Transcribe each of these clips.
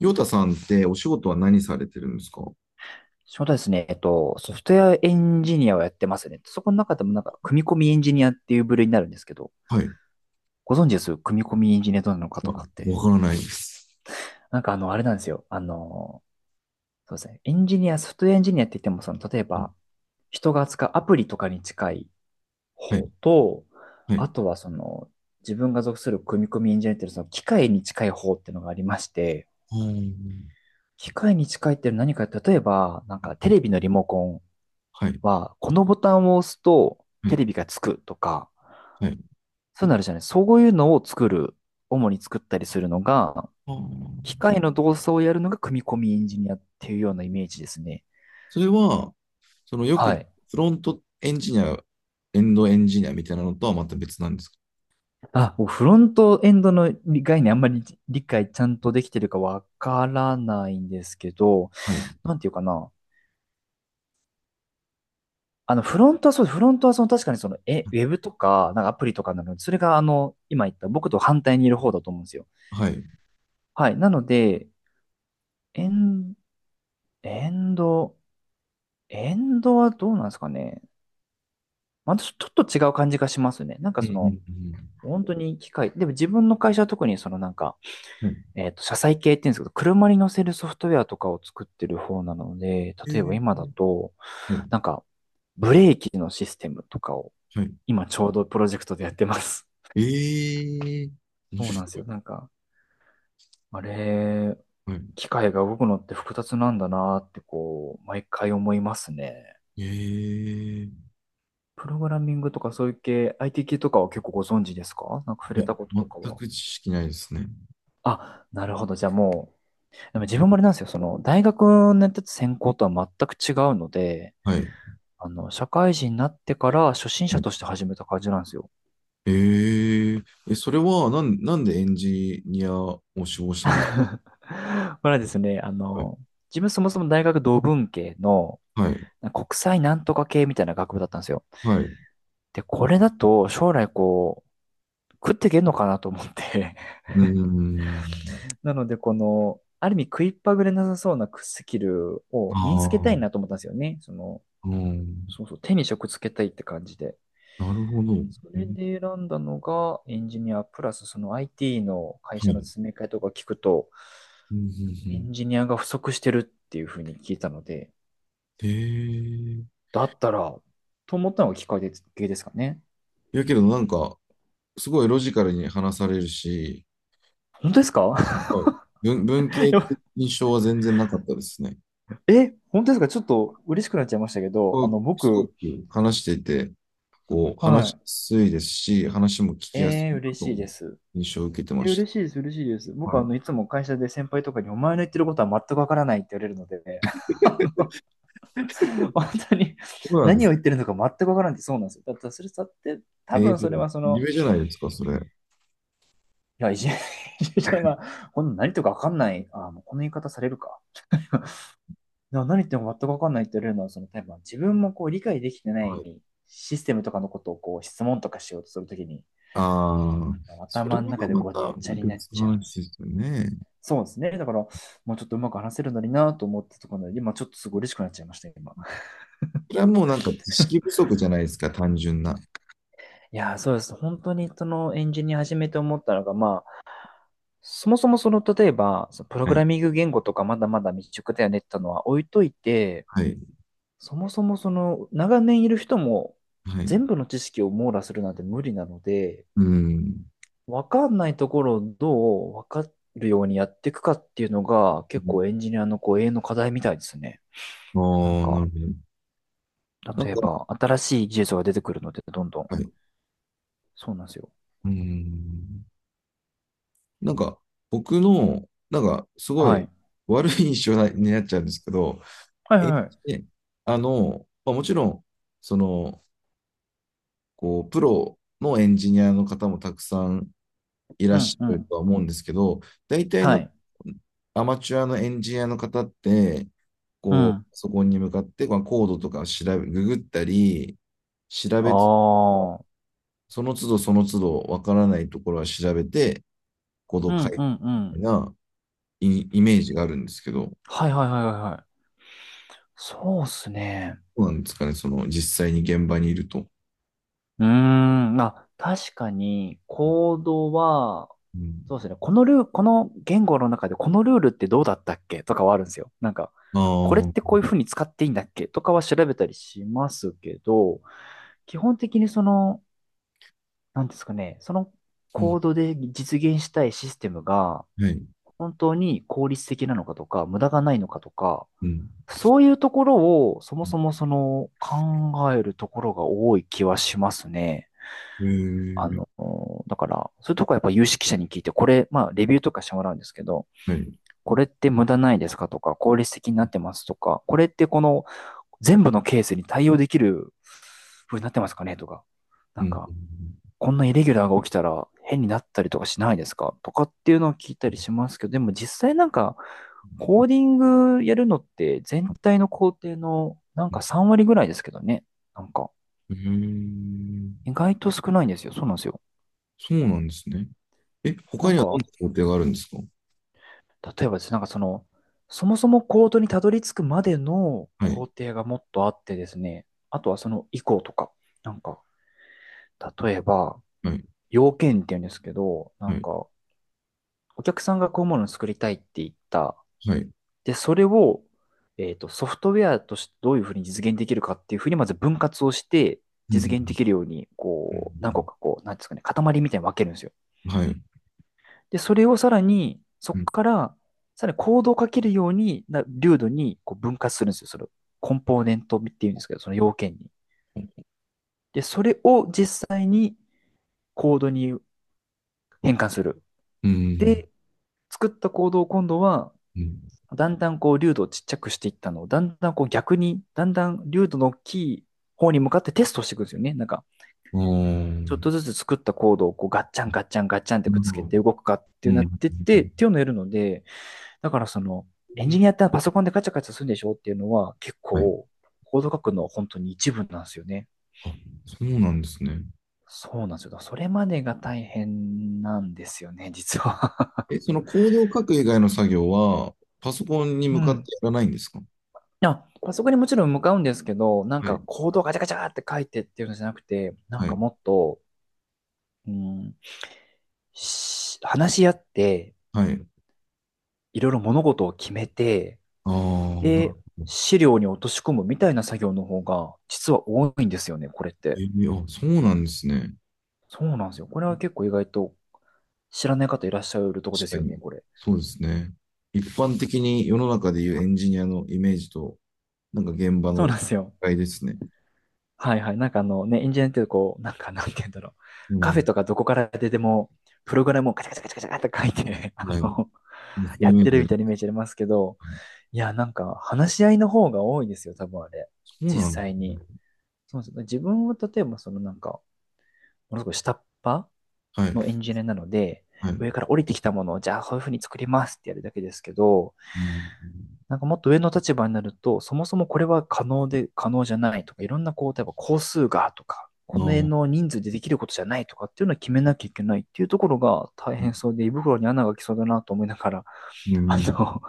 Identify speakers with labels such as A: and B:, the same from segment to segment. A: ヨタさんってお仕事は何されてるんですか？
B: 仕事はですね、ソフトウェアエンジニアをやってますね。そこの中でもなんか、組み込みエンジニアっていう部類になるんですけど、
A: はい。
B: ご存知です組み込みエンジニアどうなのか
A: あ、
B: とかって。
A: わからないです。
B: なんかあれなんですよ。そうですね。エンジニア、ソフトウェアエンジニアって言っても、その、例えば、
A: は
B: 人が扱うアプリとかに近い
A: い。
B: 方と、
A: は
B: あ
A: い。
B: とはその、自分が属する組み込みエンジニアっていうその機械に近い方っていうのがありまして、
A: あー。
B: 機械に近いっていうのは何か、例えば、なんかテレビのリモコン
A: はい。
B: は、このボタンを押すと
A: は
B: テ
A: い。
B: レビがつくとか、
A: はい。
B: そうなるじゃない。そういうのを主に作ったりするのが、
A: あ
B: 機
A: ー。
B: 械の動作をやるのが組み込みエンジニアっていうようなイメージですね。
A: それは、そのよく
B: はい。
A: フロントエンジニア、エンドエンジニアみたいなのとはまた別なんですか？
B: あ、もうフロントエンドの概念あんまり理解ちゃんとできてるかわからないんですけど、
A: はい。
B: なんていうかな。フロントはその確かにその、ウェブとか、なんかアプリとかなので、それが今言った僕と反対にいる方だと思うんですよ。
A: はい。うん
B: はい。なので、エンエンド、エンドはどうなんですかね。またちょっと違う感じがしますね。なんか
A: う
B: その、
A: ん
B: 本当に機械、でも自分の会社は特にそのなんか、
A: うん。はい。
B: 車載系って言うんですけど、車に乗せるソフトウェアとかを作ってる方なので、
A: え
B: 例えば今
A: ー、
B: だと、
A: はい。
B: なんか、ブレーキのシステムとかを、
A: はい。
B: 今ちょうどプロジェクトでやってます。
A: えー、面
B: そうなんです
A: 白
B: よ。
A: い。
B: なんか、あれ、
A: はい。
B: 機械が動くのって複雑なんだなってこう、毎回思いますね。
A: えー、い
B: プログラミングとかそういう系、IT 系とかは結構ご存知ですか？なんか触
A: や、
B: れたこととか
A: 全
B: は。
A: く知識ないですね。
B: あ、なるほど。じゃあもう、でも自分もあれなんですよ。その、大学のやってた専攻とは全く違うので、
A: はい。
B: 社会人になってから初心者として始めた感じなんですよ。
A: えええ、それは、なんでエンジニアを志望したんです
B: まあですね、
A: か？
B: 自分そもそも大学同文系の
A: はい、
B: 国際なんとか系みたいな学部だったんですよ。
A: はい。う
B: で、これだと将来こう、食っていけんのかなと思って。
A: ーん。
B: なので、この、ある意味食いっぱぐれなさそうなスキル
A: あ
B: を身につけた
A: あ、
B: いなと思ったんですよね。
A: うん。
B: そうそう、手に職つけたいって感じで。
A: なるほど。
B: そ
A: え、
B: れで選んだのがエンジニア、プラスその IT の会
A: は
B: 社の
A: い。
B: 詰め替えとか聞くと、
A: うん、うん、う
B: エ
A: ん。
B: ンジニアが不足してるっていうふうに聞いたので、
A: ええ、
B: だったら、と思ったのがきっかけですかね。
A: いやけど、なんか、すごいロジカルに話されるし、
B: 本当ですか？
A: はい、文系的印象は全然なかったですね。
B: 本当ですか？ちょっと嬉しくなっちゃいましたけど、
A: こうすご
B: 僕、
A: く話していて、こう、話し
B: は
A: やすいですし、話も聞
B: い。
A: きやすいな
B: 嬉し
A: と、
B: いです。
A: 印象を受けてまし
B: 嬉しいです、嬉しいです。
A: た。
B: 僕、
A: はい。
B: いつも会社で先輩とかに、お前の言ってることは全くわからないって言われるので、あ本 当に
A: そうなんで
B: 何を
A: す。
B: 言ってるのか全くわからないってそうなんですよ。だってそれだって多
A: ええ、
B: 分
A: じゃあ
B: それはその、
A: 夢じゃないですか、それ。は
B: いや、いじめは、この何とかわかんない、あもうこの言い方されるか。何言っても全くわかんないって言われるのは、その、多分自分もこう理解できてな
A: い。
B: いシステムとかのことをこう質問とかしようとするときに、
A: ああ、それ
B: 頭の中
A: は
B: で
A: ま
B: ごっ
A: た
B: ちゃになっ
A: 別
B: ち
A: の
B: ゃうんで
A: 話
B: す
A: で
B: よ。
A: すよね。
B: そうですね。だから、もうちょっとうまく話せるのになと思ったところで、今ちょっとすごい嬉しくなっちゃいました、今。
A: それはもうなんか知識不足じゃないですか、単純な。
B: いやー、そうです。本当にそのエンジニア始めて思ったのが、まあ、そもそもその、例えば、そのプロ
A: は
B: グ
A: い。
B: ラミング言語とかまだまだ未熟だよねってのは置いといて、
A: はい。
B: そもそもその、長年いる人も
A: はい。
B: 全部の知識を網羅するなんて無理なので、
A: うん。
B: わかんないところをどうわかるようにやっていくかっていうのが、結構エンジニアのこう永遠の課題みたいですね。
A: あ
B: なん
A: あ、な
B: か。
A: るほど。なんか、
B: 例えば、新しい技術が出てくるので、どんどん。
A: はい。
B: そうなんですよ。
A: うん。なんか、僕の、なんか、すご
B: は
A: い
B: い。
A: 悪い印象になっちゃうんですけど、
B: はいは
A: え、
B: いはい。
A: で、あの、まあ、もちろん、その、こう、プロのエンジニアの方もたくさんい
B: う
A: らっ
B: ん
A: し
B: う
A: ゃる
B: ん。
A: とは思うんですけど、大体
B: は
A: の
B: い。
A: アマチュアのエンジニアの方って、
B: う
A: こう、
B: ん。
A: パソコンに向かって、まあ、コードとかを調べ、ググったり、調
B: あ
A: べつ、
B: あ。
A: その都度その都度わからないところは調べて、コード
B: う
A: を書い
B: んう
A: て
B: んう
A: みたい
B: ん。
A: なイイメージがあるんですけど、
B: はいはいはいはいはい。そうっすね。
A: どうなんですかね、その実際に現場にいると。
B: うーん。あ、確かに、コードは、
A: うん、
B: そうですね。このルール、この言語の中でこのルールってどうだったっけとかはあるんですよ。なんか、
A: あ
B: これっ
A: あ、
B: てこういうふうに使っていいんだっけとかは調べたりしますけど、基本的にその、なんですかね、その
A: う
B: コ
A: ん、
B: ードで実現したいシステムが
A: はい。
B: 本当に効率的なのかとか、無駄がないのかとか、
A: うん。
B: そういうところをそもそもその考えるところが多い気はしますね。
A: へ
B: あ
A: え、
B: の、だから、そういうとこはやっぱ有識者に聞いて、これ、まあ、レビューとかしてもらうんですけど、
A: はい。
B: これって無駄ないですかとか、効率的になってますとか、これってこの全部のケースに対応できる風になってますかねとか、な
A: う
B: ん
A: ん。
B: か、こんなイレギュラーが起きたら変になったりとかしないですかとかっていうのを聞いたりしますけど、でも実際なんか、コーディングやるのって全体の工程のなんか3割ぐらいですけどね。なんか、
A: へえ、
B: 意外と少ないんですよ。そうなんですよ。
A: そうなんですね。え、
B: な
A: 他
B: ん
A: には
B: か、
A: どんな工程があるんですか？
B: 例えばですね、なんかその、そもそもコードにたどり着くまでの
A: は
B: 工
A: い、
B: 程がもっとあってですね、あとはその以降とか、なんか、例えば、
A: はい、
B: 要件って言うんですけど、な
A: は
B: ん
A: い、
B: か、お客さんがこういうものを作りたいって言った。
A: はい。
B: で、それを、ソフトウェアとしてどういうふうに実現できるかっていうふうに、まず分割をして、
A: う
B: 実現で
A: ん、
B: きるように、
A: う
B: こう、何個
A: ん、
B: かこう、なんですかね、塊みたいに分けるんですよ。
A: うんはい。
B: で、それをさらに、そ
A: う
B: こ
A: ん、
B: から、さらにコードをかけるようにな、流度にこう分割するんですよ。その、コンポーネントっていうんですけど、その要件に。で、それを実際コードに変換する。
A: うん、
B: で、作ったコードを今度は
A: うん。うん。
B: だんだんこう、粒度をちっちゃくしていったのを、だんだんこう逆に、だんだん粒度の大きい方に向かってテストしていくんですよね。なんか、
A: あ
B: ちょっ
A: ー、
B: とずつ作ったコードをこうガッチャンガッチャンガッチャンって
A: な
B: くっ
A: る
B: つ
A: ほ
B: け
A: ど、
B: て動くかってい
A: う
B: うなっ
A: ん。
B: てって、っていうのをやるので、だからその、エンジニアってパソコンでガチャガチャするんでしょっていうのは結
A: はい。
B: 構、コード書くのは本当に一部なんですよね。
A: あ、そうなんですね。
B: そうなんですよ。それまでが大変なんですよね、実は。
A: え、そのコードを書く以外の作業は、パソコンに
B: う
A: 向かって
B: ん。
A: やらないんですか？
B: あ、パソコンにもちろん向かうんですけど、なん
A: はい、
B: かコードをガチャガチャって書いてっていうのじゃなくて、なん
A: は
B: か
A: い、
B: もっと、うん、話し合って、
A: はい。
B: いろいろ物事を決めて、
A: ああ、
B: で、資料に落とし込むみたいな作業の方が、実は多いんですよね、これっ
A: え
B: て。
A: ーあ、そうなんですね。
B: そうなんですよ。これは結構意外と知らない方いらっしゃるとこで
A: 確
B: す
A: か
B: よね、
A: に。
B: これ。
A: そうですね。一般的に世の中でいうエンジニアのイメージとなんか現場
B: そう
A: の機
B: なんですよ。
A: 会ですね。
B: はいはい。あのね、エンジニアってこう、なんて言うんだろう。
A: う
B: カフェ
A: ん。
B: とかどこから出ても、プログラムをカチャカチャカチャカチャって書いて、
A: はい。そう
B: やっ
A: いう
B: てる
A: の
B: み
A: で、
B: たいなイメージありますけど、いや、なんか話し合いの方が多いですよ、多分あれ。
A: そう
B: 実
A: なんです
B: 際に。
A: ね。
B: そうですね。自分は例えば、ものすごい下っ端
A: はい。
B: のエンジニアなので、
A: はい。
B: 上から降りてきたものを、じゃあこういうふうに作りますってやるだけですけど、
A: うん。
B: なんかもっと上の立場になると、そもそもこれは可能で、可能じゃないとか、いろんなこう、例えば工数がとか、こ
A: な
B: の辺
A: あ。
B: の人数でできることじゃないとかっていうのを決めなきゃいけないっていうところが大変そうで、胃袋に穴が来そうだなと思いながら、
A: う
B: あの、
A: ん。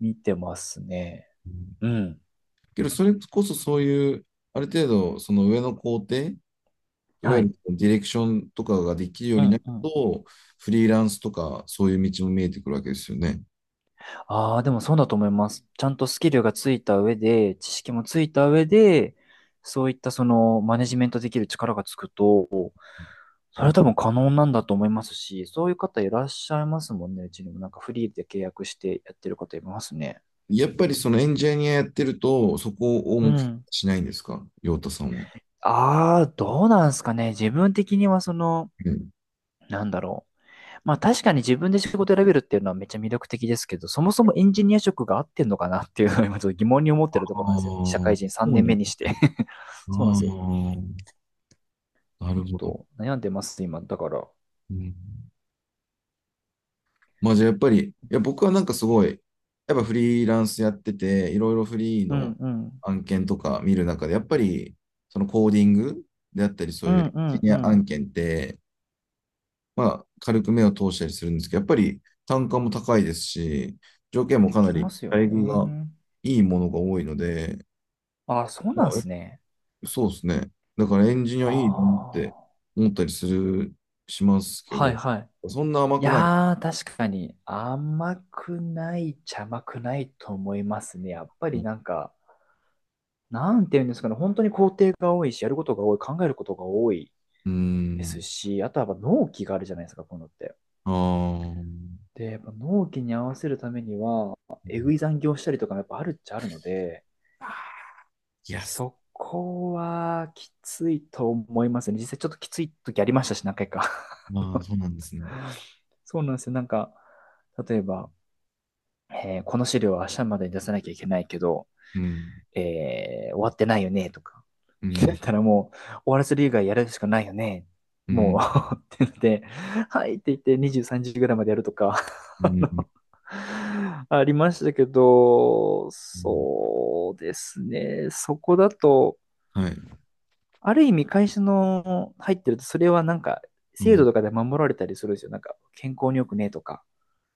B: 見てますね。うん。
A: けど、それこそそういう、ある程度、その上の工程、いわ
B: は
A: ゆ
B: い。
A: るディレクションとかができるよう
B: う
A: にな
B: ん
A: る
B: うん。
A: と、フリーランスとか、そういう道も見えてくるわけですよね。
B: ああ、でもそうだと思います。ちゃんとスキルがついた上で、知識もついた上で、そういったそのマネジメントできる力がつくと、それは多分可能なんだと思いますし、そういう方いらっしゃいますもんね。うちにもなんかフリーで契約してやってる方いますね。
A: やっぱりそのエンジニアやってると、そこを
B: う
A: 目標に
B: ん。
A: しないんですか、陽太さんは？
B: ああ、どうなんですかね。自分的には
A: うん、
B: なんだろう。まあ確かに自分で仕事選べるっていうのはめっちゃ魅力的ですけど、そもそもエンジニア職が合ってんのかなっていうのを 今ちょっと疑問に思っ
A: あ
B: て
A: あ、
B: るところなんですよね。社
A: そ
B: 会人
A: う
B: 3年
A: なん
B: 目
A: で
B: にし
A: す
B: て
A: ね。あ
B: そうなんですよ。
A: あ、な
B: ちょ
A: る
B: っ
A: ほど。
B: と悩んでます、今。だから。
A: うん。まあじゃあやっぱり、いや僕はなんかすごい、やっぱフリーランスやってて、いろいろフリー
B: う
A: の
B: んうん。
A: 案件とか見る中で、やっぱりそのコーディングであったり、そ
B: う
A: ういう
B: ん
A: エン
B: う
A: ジ
B: ん
A: ニ
B: う
A: ア
B: ん。
A: 案
B: っ
A: 件って、まあ軽く目を通したりするんですけど、やっぱり単価も高いですし、条件も
B: て聞
A: かな
B: きま
A: り
B: すよ
A: 待遇が
B: ね。
A: いいものが多いので、
B: ああ、そうな
A: ま
B: ん
A: あ、
B: ですね。
A: そうですね。だからエンジニアいいなっ
B: あ
A: て
B: あ。
A: 思ったりする、しますけ
B: はい
A: ど、
B: はい。
A: そんな甘
B: い
A: くない。
B: やー、確かに甘くないっちゃ甘くないと思いますね。やっぱりなんか、なんて言うんですかね。本当に工程が多いし、やることが多い、考えることが多い。
A: う
B: です
A: ん。
B: し、あとはやっぱ納期があるじゃないですか、こういうのって。
A: ああ、
B: で、やっぱ納期に合わせるためには、えぐい残業したりとかもやっぱあるっちゃあるので、
A: あいや、
B: そこはきついと思いますね。実際ちょっときつい時ありましたし、何回か。
A: まあ、そうなんですね。
B: そうなんですよ。なんか、例えば、この資料は明日までに出さなきゃいけないけど、
A: うん、
B: 終わってないよね、とか。
A: う
B: だっ
A: ん、
B: たらもう、終わらせる以外やるしかないよね。
A: う
B: も
A: ん、
B: う って言って、はいって言って23時ぐらいまでやるとか、
A: うん、
B: ありましたけど、
A: うん、
B: そうですね。そこだと、
A: はい、
B: ある意味会社の入ってると、それはなんか、
A: う
B: 制度
A: ん、
B: とかで守られたりするんですよ。なんか、健康に良くねえとか、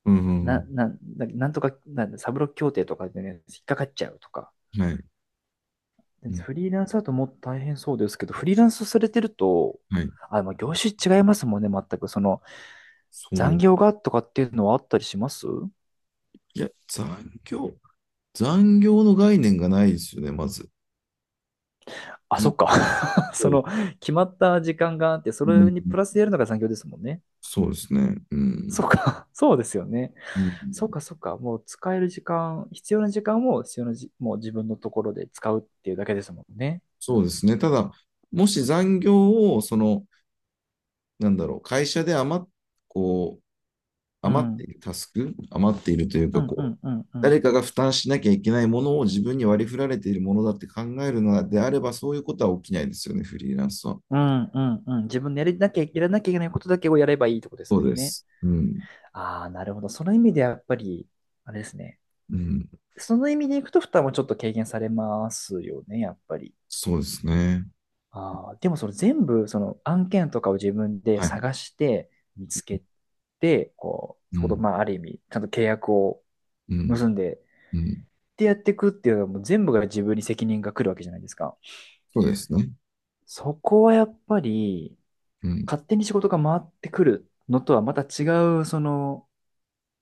A: うん、う
B: な、
A: ん、
B: な、ななんとか、なんだ、サブロック協定とかでね、引っかかっちゃうとか。
A: はい、うん、
B: フリーランスだともっと大変そうですけど、フリーランスされてると、
A: はい、
B: あ、まあ業種違いますもんね、全く。その、
A: そ
B: 残
A: う。
B: 業がとかっていうのはあったりします
A: いや、残業の概念がないですよね、まず。
B: あ、そ
A: じ
B: っか。そ
A: そう、
B: の、決まった時間があって、そ
A: う
B: れ
A: ん、
B: にプラスでやるのが残業ですもんね。
A: そうですね、う
B: そっ
A: ん、
B: か。そうですよね。
A: う
B: そっ
A: ん、
B: か、そっか。もう使える時間、必要な時間を必要なじ、もう自分のところで使うっていうだけですもんね。
A: そうですね。ただ、もし残業を、その、なんだろう、会社でこう、
B: う
A: 余ってい
B: ん。
A: るタスク、余っているという
B: う
A: か、
B: ん、う
A: こう、
B: ん、うん、う
A: 誰
B: ん。
A: かが負担しなきゃいけないものを自分に割り振られているものだって考えるのであれば、そういうことは起きないですよね、フリーランスは。
B: うん、うん、うん。自分でやりなきゃ、やらなきゃいけないことだけをやればいいとこです
A: そ
B: も
A: う
B: ん
A: で
B: ね。
A: す。うん。
B: ああ、なるほど。その意味でやっぱり、あれですね。
A: うん。
B: その意味でいくと負担もちょっと軽減されますよね、やっぱり。
A: そうですね。
B: ああ、でもその全部その案件とかを自分で
A: はい。
B: 探して見つけて、こう、
A: う
B: そこと
A: ん。
B: まあある意味、ちゃんと契約を
A: うん。
B: 結んでっ
A: うん。
B: てやっていくっていうのはもう全部が自分に責任が来るわけじゃないですか。
A: そうですね。
B: そこはやっぱり
A: うん。
B: 勝手に仕事が回ってくるのとはまた違う、その、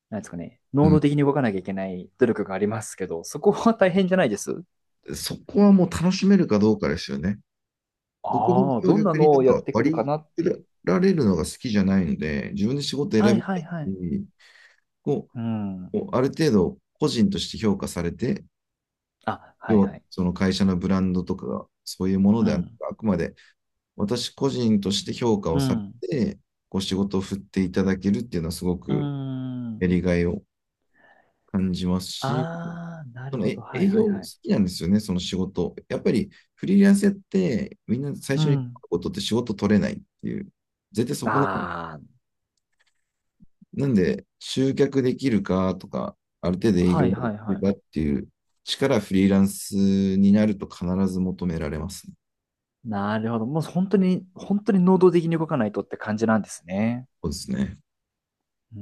B: なんですかね、
A: う
B: 能動
A: ん。
B: 的に動かなきゃいけない努力がありますけど、そこは大変じゃないです。
A: そこはもう楽しめるかどうかですよね。僕の
B: ああ、
A: 今日
B: どんな
A: 逆に
B: の
A: なん
B: をやっ
A: か
B: てくる
A: 割
B: か
A: り
B: なっていう。
A: 振られるのが好きじゃないので、自分で仕事選
B: はい
A: び
B: は
A: たい
B: いはい。
A: し、こ
B: うん。
A: う、こうある程度個人として評価されて、
B: あ、は
A: 要
B: い
A: は
B: はい。
A: その会社のブランドとかがそういうもの
B: う
A: ではなく、
B: ん。
A: あくまで私個人として評価
B: う
A: をされ
B: ん。
A: て、こう仕事を振っていただけるっていうのはすご
B: う
A: くや
B: ん。
A: りがいを感じますし、
B: ああ、な
A: そ
B: る
A: の
B: ほど。
A: 営
B: はいは
A: 業
B: い
A: 好
B: はい。
A: きなんですよね、その仕事。やっぱりフリーランスやってみんな最
B: う
A: 初に
B: ん。
A: ことって仕事取れないっていう。絶対そこの、
B: あ
A: なんで集客できるかとか、ある程度
B: あ、
A: 営
B: は
A: 業
B: い
A: で
B: はい
A: き
B: は
A: るか
B: い。
A: っていう力はフリーランスになると必ず求められますね。
B: なるほど。もう本当に、本当に能動的に動かないとって感じなんですね。
A: そうですね。
B: うん